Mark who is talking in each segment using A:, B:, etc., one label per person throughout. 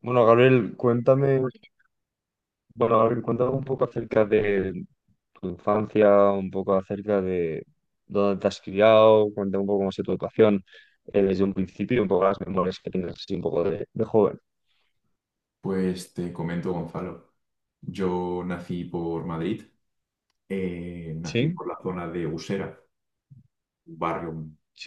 A: Bueno, Gabriel, cuéntame, bueno, Gabriel, cuéntame un poco acerca de tu infancia, un poco acerca de dónde te has criado, cuéntame un poco cómo ha sido tu educación desde un principio y un poco las memorias que tienes así un poco de joven.
B: Pues te comento, Gonzalo. Yo nací por Madrid, nací
A: Sí,
B: por la zona de Usera, un barrio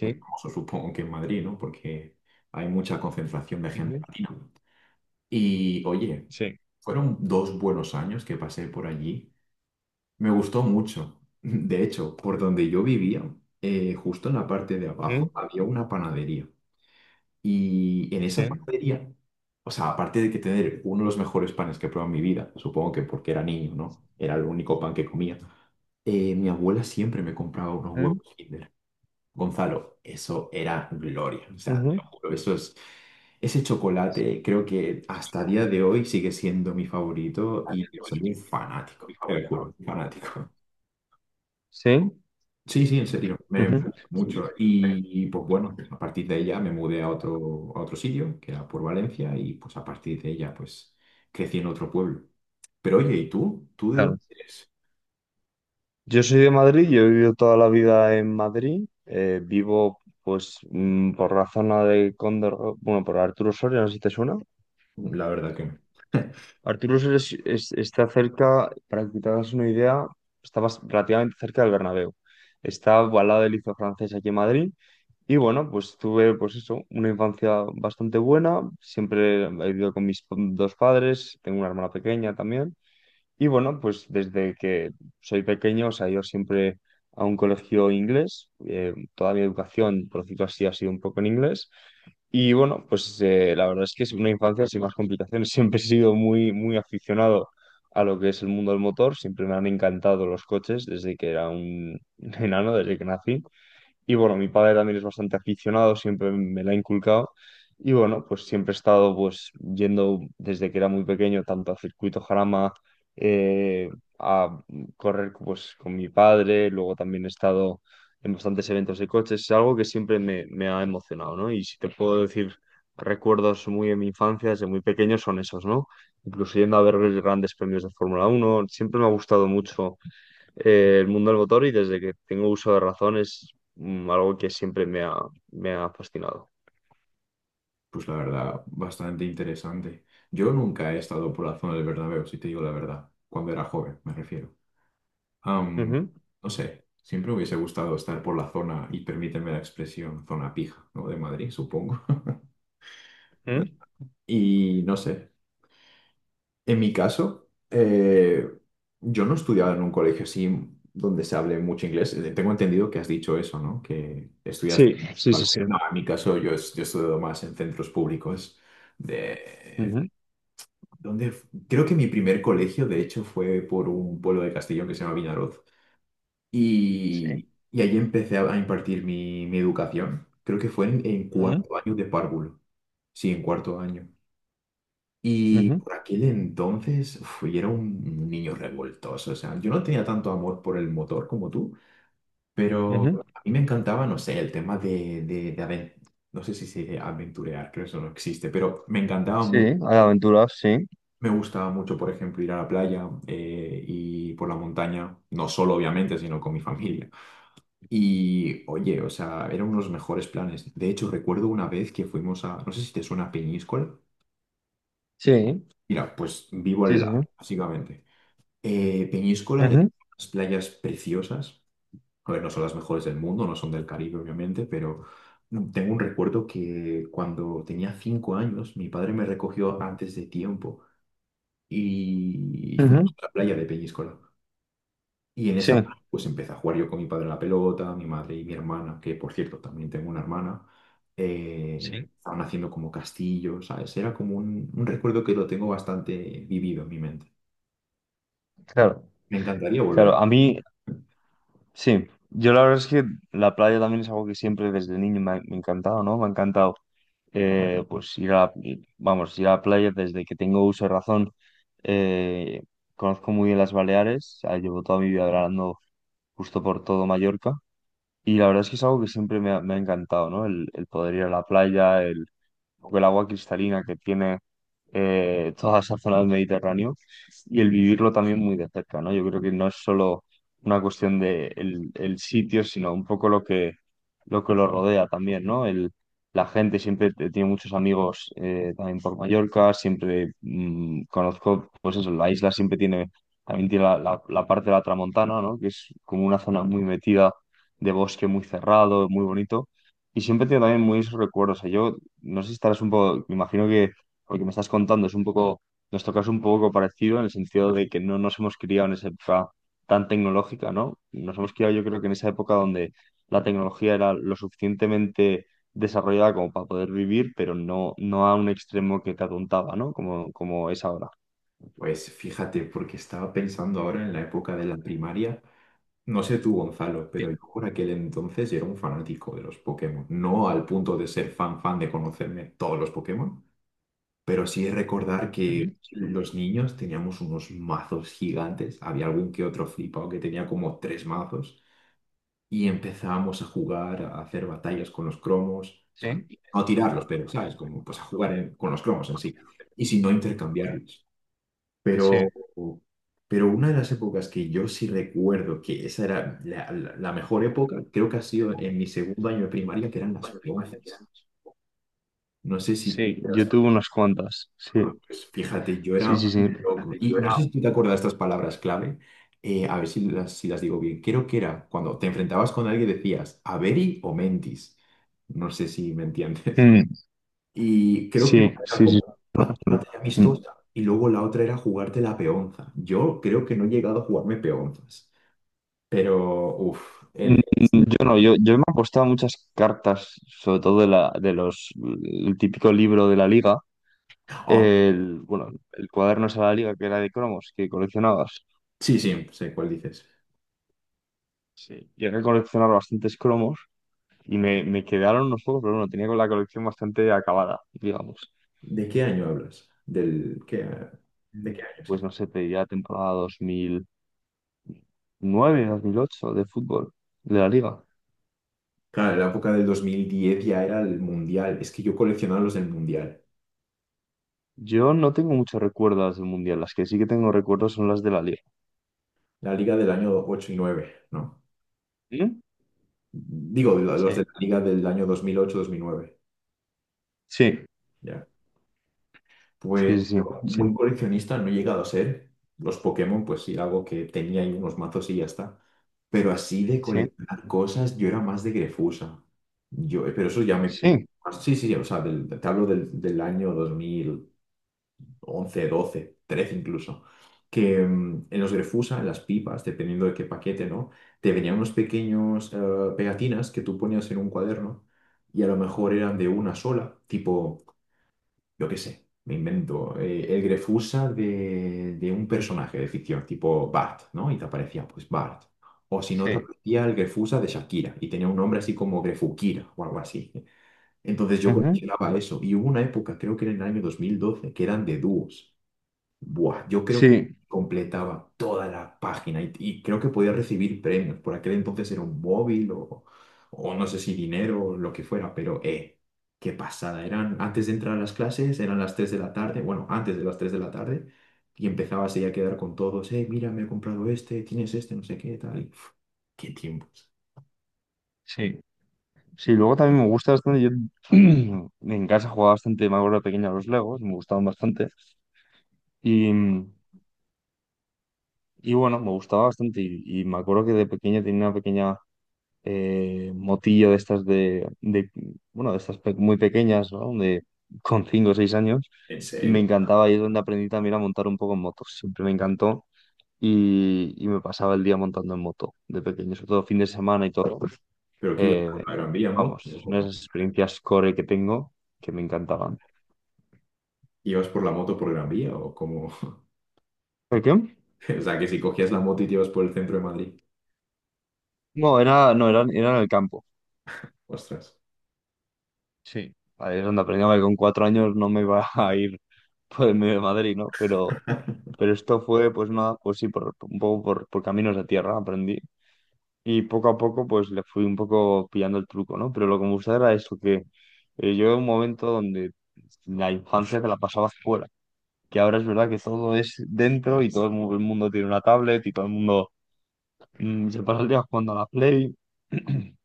B: muy famoso, supongo que en Madrid, ¿no? Porque hay mucha concentración de gente
A: ujú,
B: latina. Y oye,
A: sí,
B: fueron 2 buenos años que pasé por allí. Me gustó mucho. De hecho, por donde yo vivía, justo en la parte de
A: mm,
B: abajo había una panadería. Y en
A: sí,
B: esa panadería, o sea, aparte de que tener uno de los mejores panes que he probado en mi vida, supongo que porque era niño, ¿no? Era el único pan que comía. Mi abuela siempre me compraba unos huevos
A: mm.
B: Kinder. Gonzalo, eso era gloria. O sea, te
A: Ujú.
B: lo juro, eso es. Ese chocolate creo que hasta día de hoy sigue siendo mi favorito y soy un fanático, te lo juro, un fanático.
A: Sí,
B: Sí, sí, en serio, me
A: ujú.
B: gustó mucho. Y, pues bueno, a partir de ella me mudé a otro, sitio, que era por Valencia, y pues a partir de ella pues crecí en otro pueblo. Pero oye, ¿y tú? ¿Tú de
A: Claro.
B: dónde eres?
A: Yo soy de Madrid, yo he vivido toda la vida en Madrid. Vivo, pues, por la zona de Cóndor, bueno, por Arturo Soria, no sé si te suena.
B: La verdad que no.
A: Arturo Soria está cerca, para que te hagas una idea, está relativamente cerca del Bernabéu. Está al lado del Liceo Francés aquí en Madrid. Y bueno, pues tuve, pues eso, una infancia bastante buena. Siempre he vivido con mis dos padres, tengo una hermana pequeña también. Y bueno, pues desde que soy pequeño, o sea, yo siempre a un colegio inglés, toda mi educación, por decirlo así, ha sido un poco en inglés. Y bueno, pues la verdad es que es una infancia sin más complicaciones. Siempre he sido muy, muy aficionado a lo que es el mundo del motor. Siempre me han encantado los coches desde que era un enano, desde que nací. Y bueno, mi padre también es bastante aficionado, siempre me la ha inculcado. Y bueno, pues siempre he estado pues yendo desde que era muy pequeño, tanto a circuito Jarama, eh, a correr pues con mi padre, luego también he estado en bastantes eventos de coches, es algo que siempre me ha emocionado, ¿no? Y si te puedo decir recuerdos muy de mi infancia, desde muy pequeño, son esos, ¿no? Incluso yendo a ver los grandes premios de Fórmula Uno siempre me ha gustado mucho el mundo del motor y desde que tengo uso de razón es algo que siempre me ha fascinado.
B: Pues la verdad, bastante interesante. Yo nunca he estado por la zona del Bernabéu, si te digo la verdad, cuando era joven, me refiero. Am,
A: Ujú,
B: no sé, siempre me hubiese gustado estar por la zona, y permíteme la expresión, zona pija, ¿no? De Madrid, supongo.
A: ujú.
B: Y no sé. En mi caso, yo no estudiaba en un colegio así donde se hable mucho inglés. Tengo entendido que has dicho eso, ¿no? Que estudiaste.
A: Sí, sí,
B: Vale.
A: sí, sí.
B: No, en mi caso yo he estudiado más en centros públicos. De,
A: Ujú,
B: donde, creo que mi primer colegio, de hecho, fue por un pueblo de Castellón que se llama Vinaroz.
A: sí.
B: Y ahí empecé a impartir mi educación. Creo que fue en
A: Ujú,
B: cuarto año de párvulo. Sí, en cuarto año. Y
A: ujú,
B: por aquel entonces, uf, yo era un niño revoltoso, o sea, yo no tenía tanto amor por el motor como tú, pero
A: ujú.
B: a mí me encantaba, no sé, el tema de no sé si se dice aventurear, creo que eso no existe, pero me encantaba
A: Sí,
B: mucho.
A: hay aventuras, sí.
B: Me gustaba mucho, por ejemplo, ir a la playa y por la montaña, no solo obviamente, sino con mi familia. Y oye, o sea, eran unos mejores planes. De hecho, recuerdo una vez que fuimos a, no sé si te suena Peñíscola.
A: Sí,
B: Mira, pues vivo
A: sí,
B: al
A: sí,
B: lado,
A: sí.
B: básicamente. Peñíscola, de
A: Ujú,
B: unas playas preciosas. A ver, no son las mejores del mundo, no son del Caribe, obviamente, pero tengo un recuerdo que cuando tenía 5 años, mi padre me recogió antes de tiempo y
A: ujú.
B: fuimos a la playa de Peñíscola. Y en
A: Sí,
B: esa, pues empecé a jugar yo con mi padre a la pelota, mi madre y mi hermana, que por cierto, también tengo una hermana. eh,
A: sí.
B: estaban haciendo como castillos, ¿sabes? Era como un recuerdo que lo tengo bastante vivido en mi mente.
A: Claro,
B: Me encantaría volver a.
A: claro. A mí, sí. Yo la verdad es que la playa también es algo que siempre desde niño me ha encantado, ¿no? Me ha encantado pues vamos, ir a la playa desde que tengo uso de razón. eh, Conozco muy bien las Baleares, ah, llevo toda mi vida grabando justo por todo Mallorca y la verdad es que es algo que siempre me ha encantado, ¿no? El poder ir a la playa, porque el agua cristalina que tiene toda esa zona del Mediterráneo y el vivirlo también muy de cerca, ¿no? Yo creo que no es solo una cuestión de el sitio, sino un poco lo que lo rodea también, ¿no? El, la gente siempre tiene muchos amigos también por Mallorca, siempre conozco, pues eso, la isla siempre tiene, también tiene la, la parte de la Tramontana, ¿no? Que es como una zona muy metida de bosque muy cerrado, muy bonito, y siempre tiene también muy esos recuerdos. O sea, yo no sé si estarás un poco, me imagino que lo que me estás contando es un poco, nuestro caso un poco parecido en el sentido de que no nos hemos criado en esa época tan tecnológica, ¿no? Nos hemos criado yo creo que en esa época donde la tecnología era lo suficientemente desarrollada como para poder vivir, pero no, no a un extremo que te atontaba, ¿no? Como es ahora.
B: Pues fíjate, porque estaba pensando ahora en la época de la primaria. No sé tú, Gonzalo, pero yo por aquel entonces era un fanático de los Pokémon. No al punto de ser fan fan de conocerme todos los Pokémon, pero sí recordar
A: Ujú.
B: que los niños teníamos unos mazos gigantes. Había algún que otro flipado que tenía como tres mazos y empezábamos a jugar, a hacer batallas con los cromos. O sea, no
A: Sí,
B: a tirarlos, pero, ¿sabes? Como pues a jugar con los cromos en sí. Y si no, intercambiarlos.
A: sí.
B: Pero, pero, una de las épocas que yo sí recuerdo que esa era la, la mejor época, creo que ha sido en mi segundo año de primaria, que eran las peonzas. No sé si tú
A: Sí,
B: te las.
A: yo tuve unas cuantas. Sí,
B: Bueno, pues fíjate, yo
A: sí, sí,
B: era
A: sí.
B: un loco. Y no sé si tú te acuerdas de estas palabras clave. A ver si las digo bien. Creo que era cuando te enfrentabas con alguien decías, ¿Averi o mentis? No sé si me entiendes.
A: Mm.
B: Y creo que una
A: Sí,
B: era
A: sí,
B: como
A: sí.
B: una batalla
A: Mm.
B: amistosa y luego la otra era jugarte la peonza. Yo creo que no he llegado a jugarme peonzas, pero uff,
A: Mm.
B: el.
A: Yo no, yo me he apostado muchas cartas, sobre todo de los, el típico libro de la liga,
B: Oh,
A: el cuaderno ese de la liga que era de cromos, que coleccionabas.
B: sí, sí, sé cuál dices.
A: Sí. Llegué a coleccionar bastantes cromos y me quedaron unos pocos, pero bueno, tenía con la colección bastante acabada, digamos.
B: ¿De qué año hablas? ¿Del qué? ¿De
A: Mm.
B: qué año?
A: Pues
B: Sí.
A: no sé, te diría temporada 2009, 2008 de fútbol, de la liga.
B: Claro, en la época del 2010 ya era el Mundial. Es que yo coleccionaba los del Mundial.
A: Yo no tengo muchos recuerdos del mundial, las que sí que tengo recuerdos son las de la liga.
B: La liga del año 8 y nueve, ¿no?
A: ¿Mm?
B: Digo, los
A: ¿Sí?
B: de la liga del año 2008-2009.
A: Sí. Sí,
B: Pues
A: sí,
B: yo
A: sí.
B: muy coleccionista no he llegado a ser. Los Pokémon, pues sí, algo que tenía ahí unos mazos y ya está. Pero así de
A: Sí,
B: coleccionar cosas, yo era más de Grefusa. Pero eso ya me pilló un poco
A: sí,
B: más. Sí, sí, o sea, te hablo del año 2011, 12, 13 incluso. Que en los Grefusa, en las pipas, dependiendo de qué paquete, ¿no? Te venían unos pequeños pegatinas que tú ponías en un cuaderno y a lo mejor eran de una sola, tipo yo qué sé, me invento, el Grefusa de un personaje de ficción, tipo Bart, ¿no? Y te aparecía, pues, Bart. O si no, te
A: sí,
B: aparecía el Grefusa de Shakira y tenía un nombre así como Grefukira o algo así. Entonces yo
A: ujú.
B: coleccionaba eso. Y hubo una época, creo que era en el año 2012, que eran de dúos. Buah, yo creo que
A: Sí,
B: completaba toda la página y creo que podía recibir premios. Por aquel entonces era un móvil o no sé si dinero o lo que fuera, pero qué pasada. Eran antes de entrar a las clases, eran las 3 de la tarde, bueno, antes de las 3 de la tarde, y empezabas ahí a quedar con todos, mira, me he comprado este, tienes este, no sé qué, tal. Qué tiempos.
A: sí, sí. Luego también me gusta bastante. Yo en casa jugaba bastante, me acuerdo de pequeño a los Legos, me gustaban bastante. Y, y bueno, me gustaba bastante. Y me acuerdo que de pequeño tenía una pequeña motillo de estas muy pequeñas, ¿no? Con 5 o 6 años.
B: ¿En
A: Y me
B: serio?
A: encantaba. Y es donde aprendí también a montar un poco en motos. Siempre me encantó. Y me pasaba el día montando en moto de pequeño, sobre todo fin de semana y todo.
B: ¿Pero qué ibas
A: Eh,
B: por la Gran Vía en moto?
A: vamos,
B: ¿O
A: es una de
B: cómo?
A: las experiencias core que tengo que me encantaban.
B: ¿Ibas por la moto por Gran Vía o como
A: ¿El qué?
B: O sea, que si cogías la moto y te ibas por el centro de Madrid.
A: No, era en el campo.
B: Ostras.
A: Vale, es donde aprendí que con 4 años no me iba a ir por el medio de Madrid, ¿no? Pero, pero esto fue, pues nada, pues sí, un poco por caminos de tierra aprendí. Y poco a poco, pues le fui un poco pillando el truco, ¿no? Pero lo que me gustaba era eso, que yo en un momento donde la infancia te la pasaba fuera, que ahora es verdad que todo es dentro y todo el mundo tiene una tablet y todo el mundo se pasa el día jugando a la Play.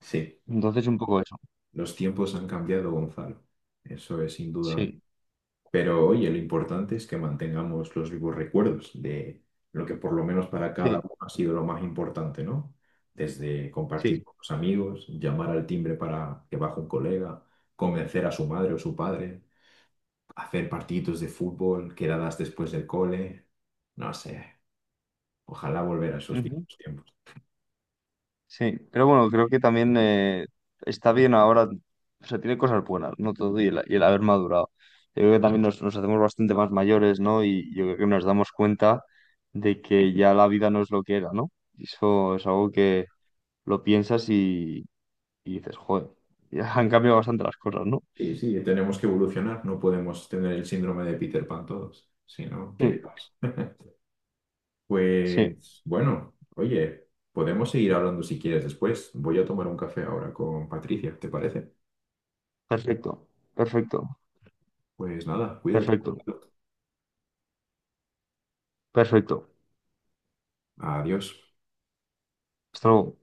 B: Sí.
A: Entonces, un poco eso.
B: Los tiempos han cambiado, Gonzalo. Eso es indudable.
A: Sí,
B: Pero oye, lo importante es que mantengamos los vivos recuerdos de lo que por lo menos para cada
A: sí,
B: uno ha sido lo más importante, ¿no? Desde compartir
A: sí.
B: con los amigos, llamar al timbre para que baje un colega, convencer a su madre o su padre, hacer partiditos de fútbol, quedadas después del cole. No sé, ojalá volver a esos
A: Ujú.
B: viejos tiempos.
A: Sí, pero bueno, creo que también está bien ahora. O sea, tiene cosas buenas, ¿no? Todo y el haber madurado. Yo creo que también nos hacemos bastante más mayores, ¿no? Y yo creo que nos damos cuenta de que ya la vida no es lo que era, ¿no? Y eso es algo que lo piensas y dices, joder, ya han cambiado bastante las cosas, ¿no?
B: Y sí, tenemos que evolucionar, no podemos tener el síndrome de Peter Pan todos, sino
A: Sí,
B: ¿qué pasa?
A: sí.
B: Pues bueno, oye, podemos seguir hablando si quieres después. Voy a tomar un café ahora con Patricia, ¿te parece?
A: Perfecto, perfecto,
B: Pues nada, cuídate.
A: perfecto, perfecto.
B: Adiós.
A: Esto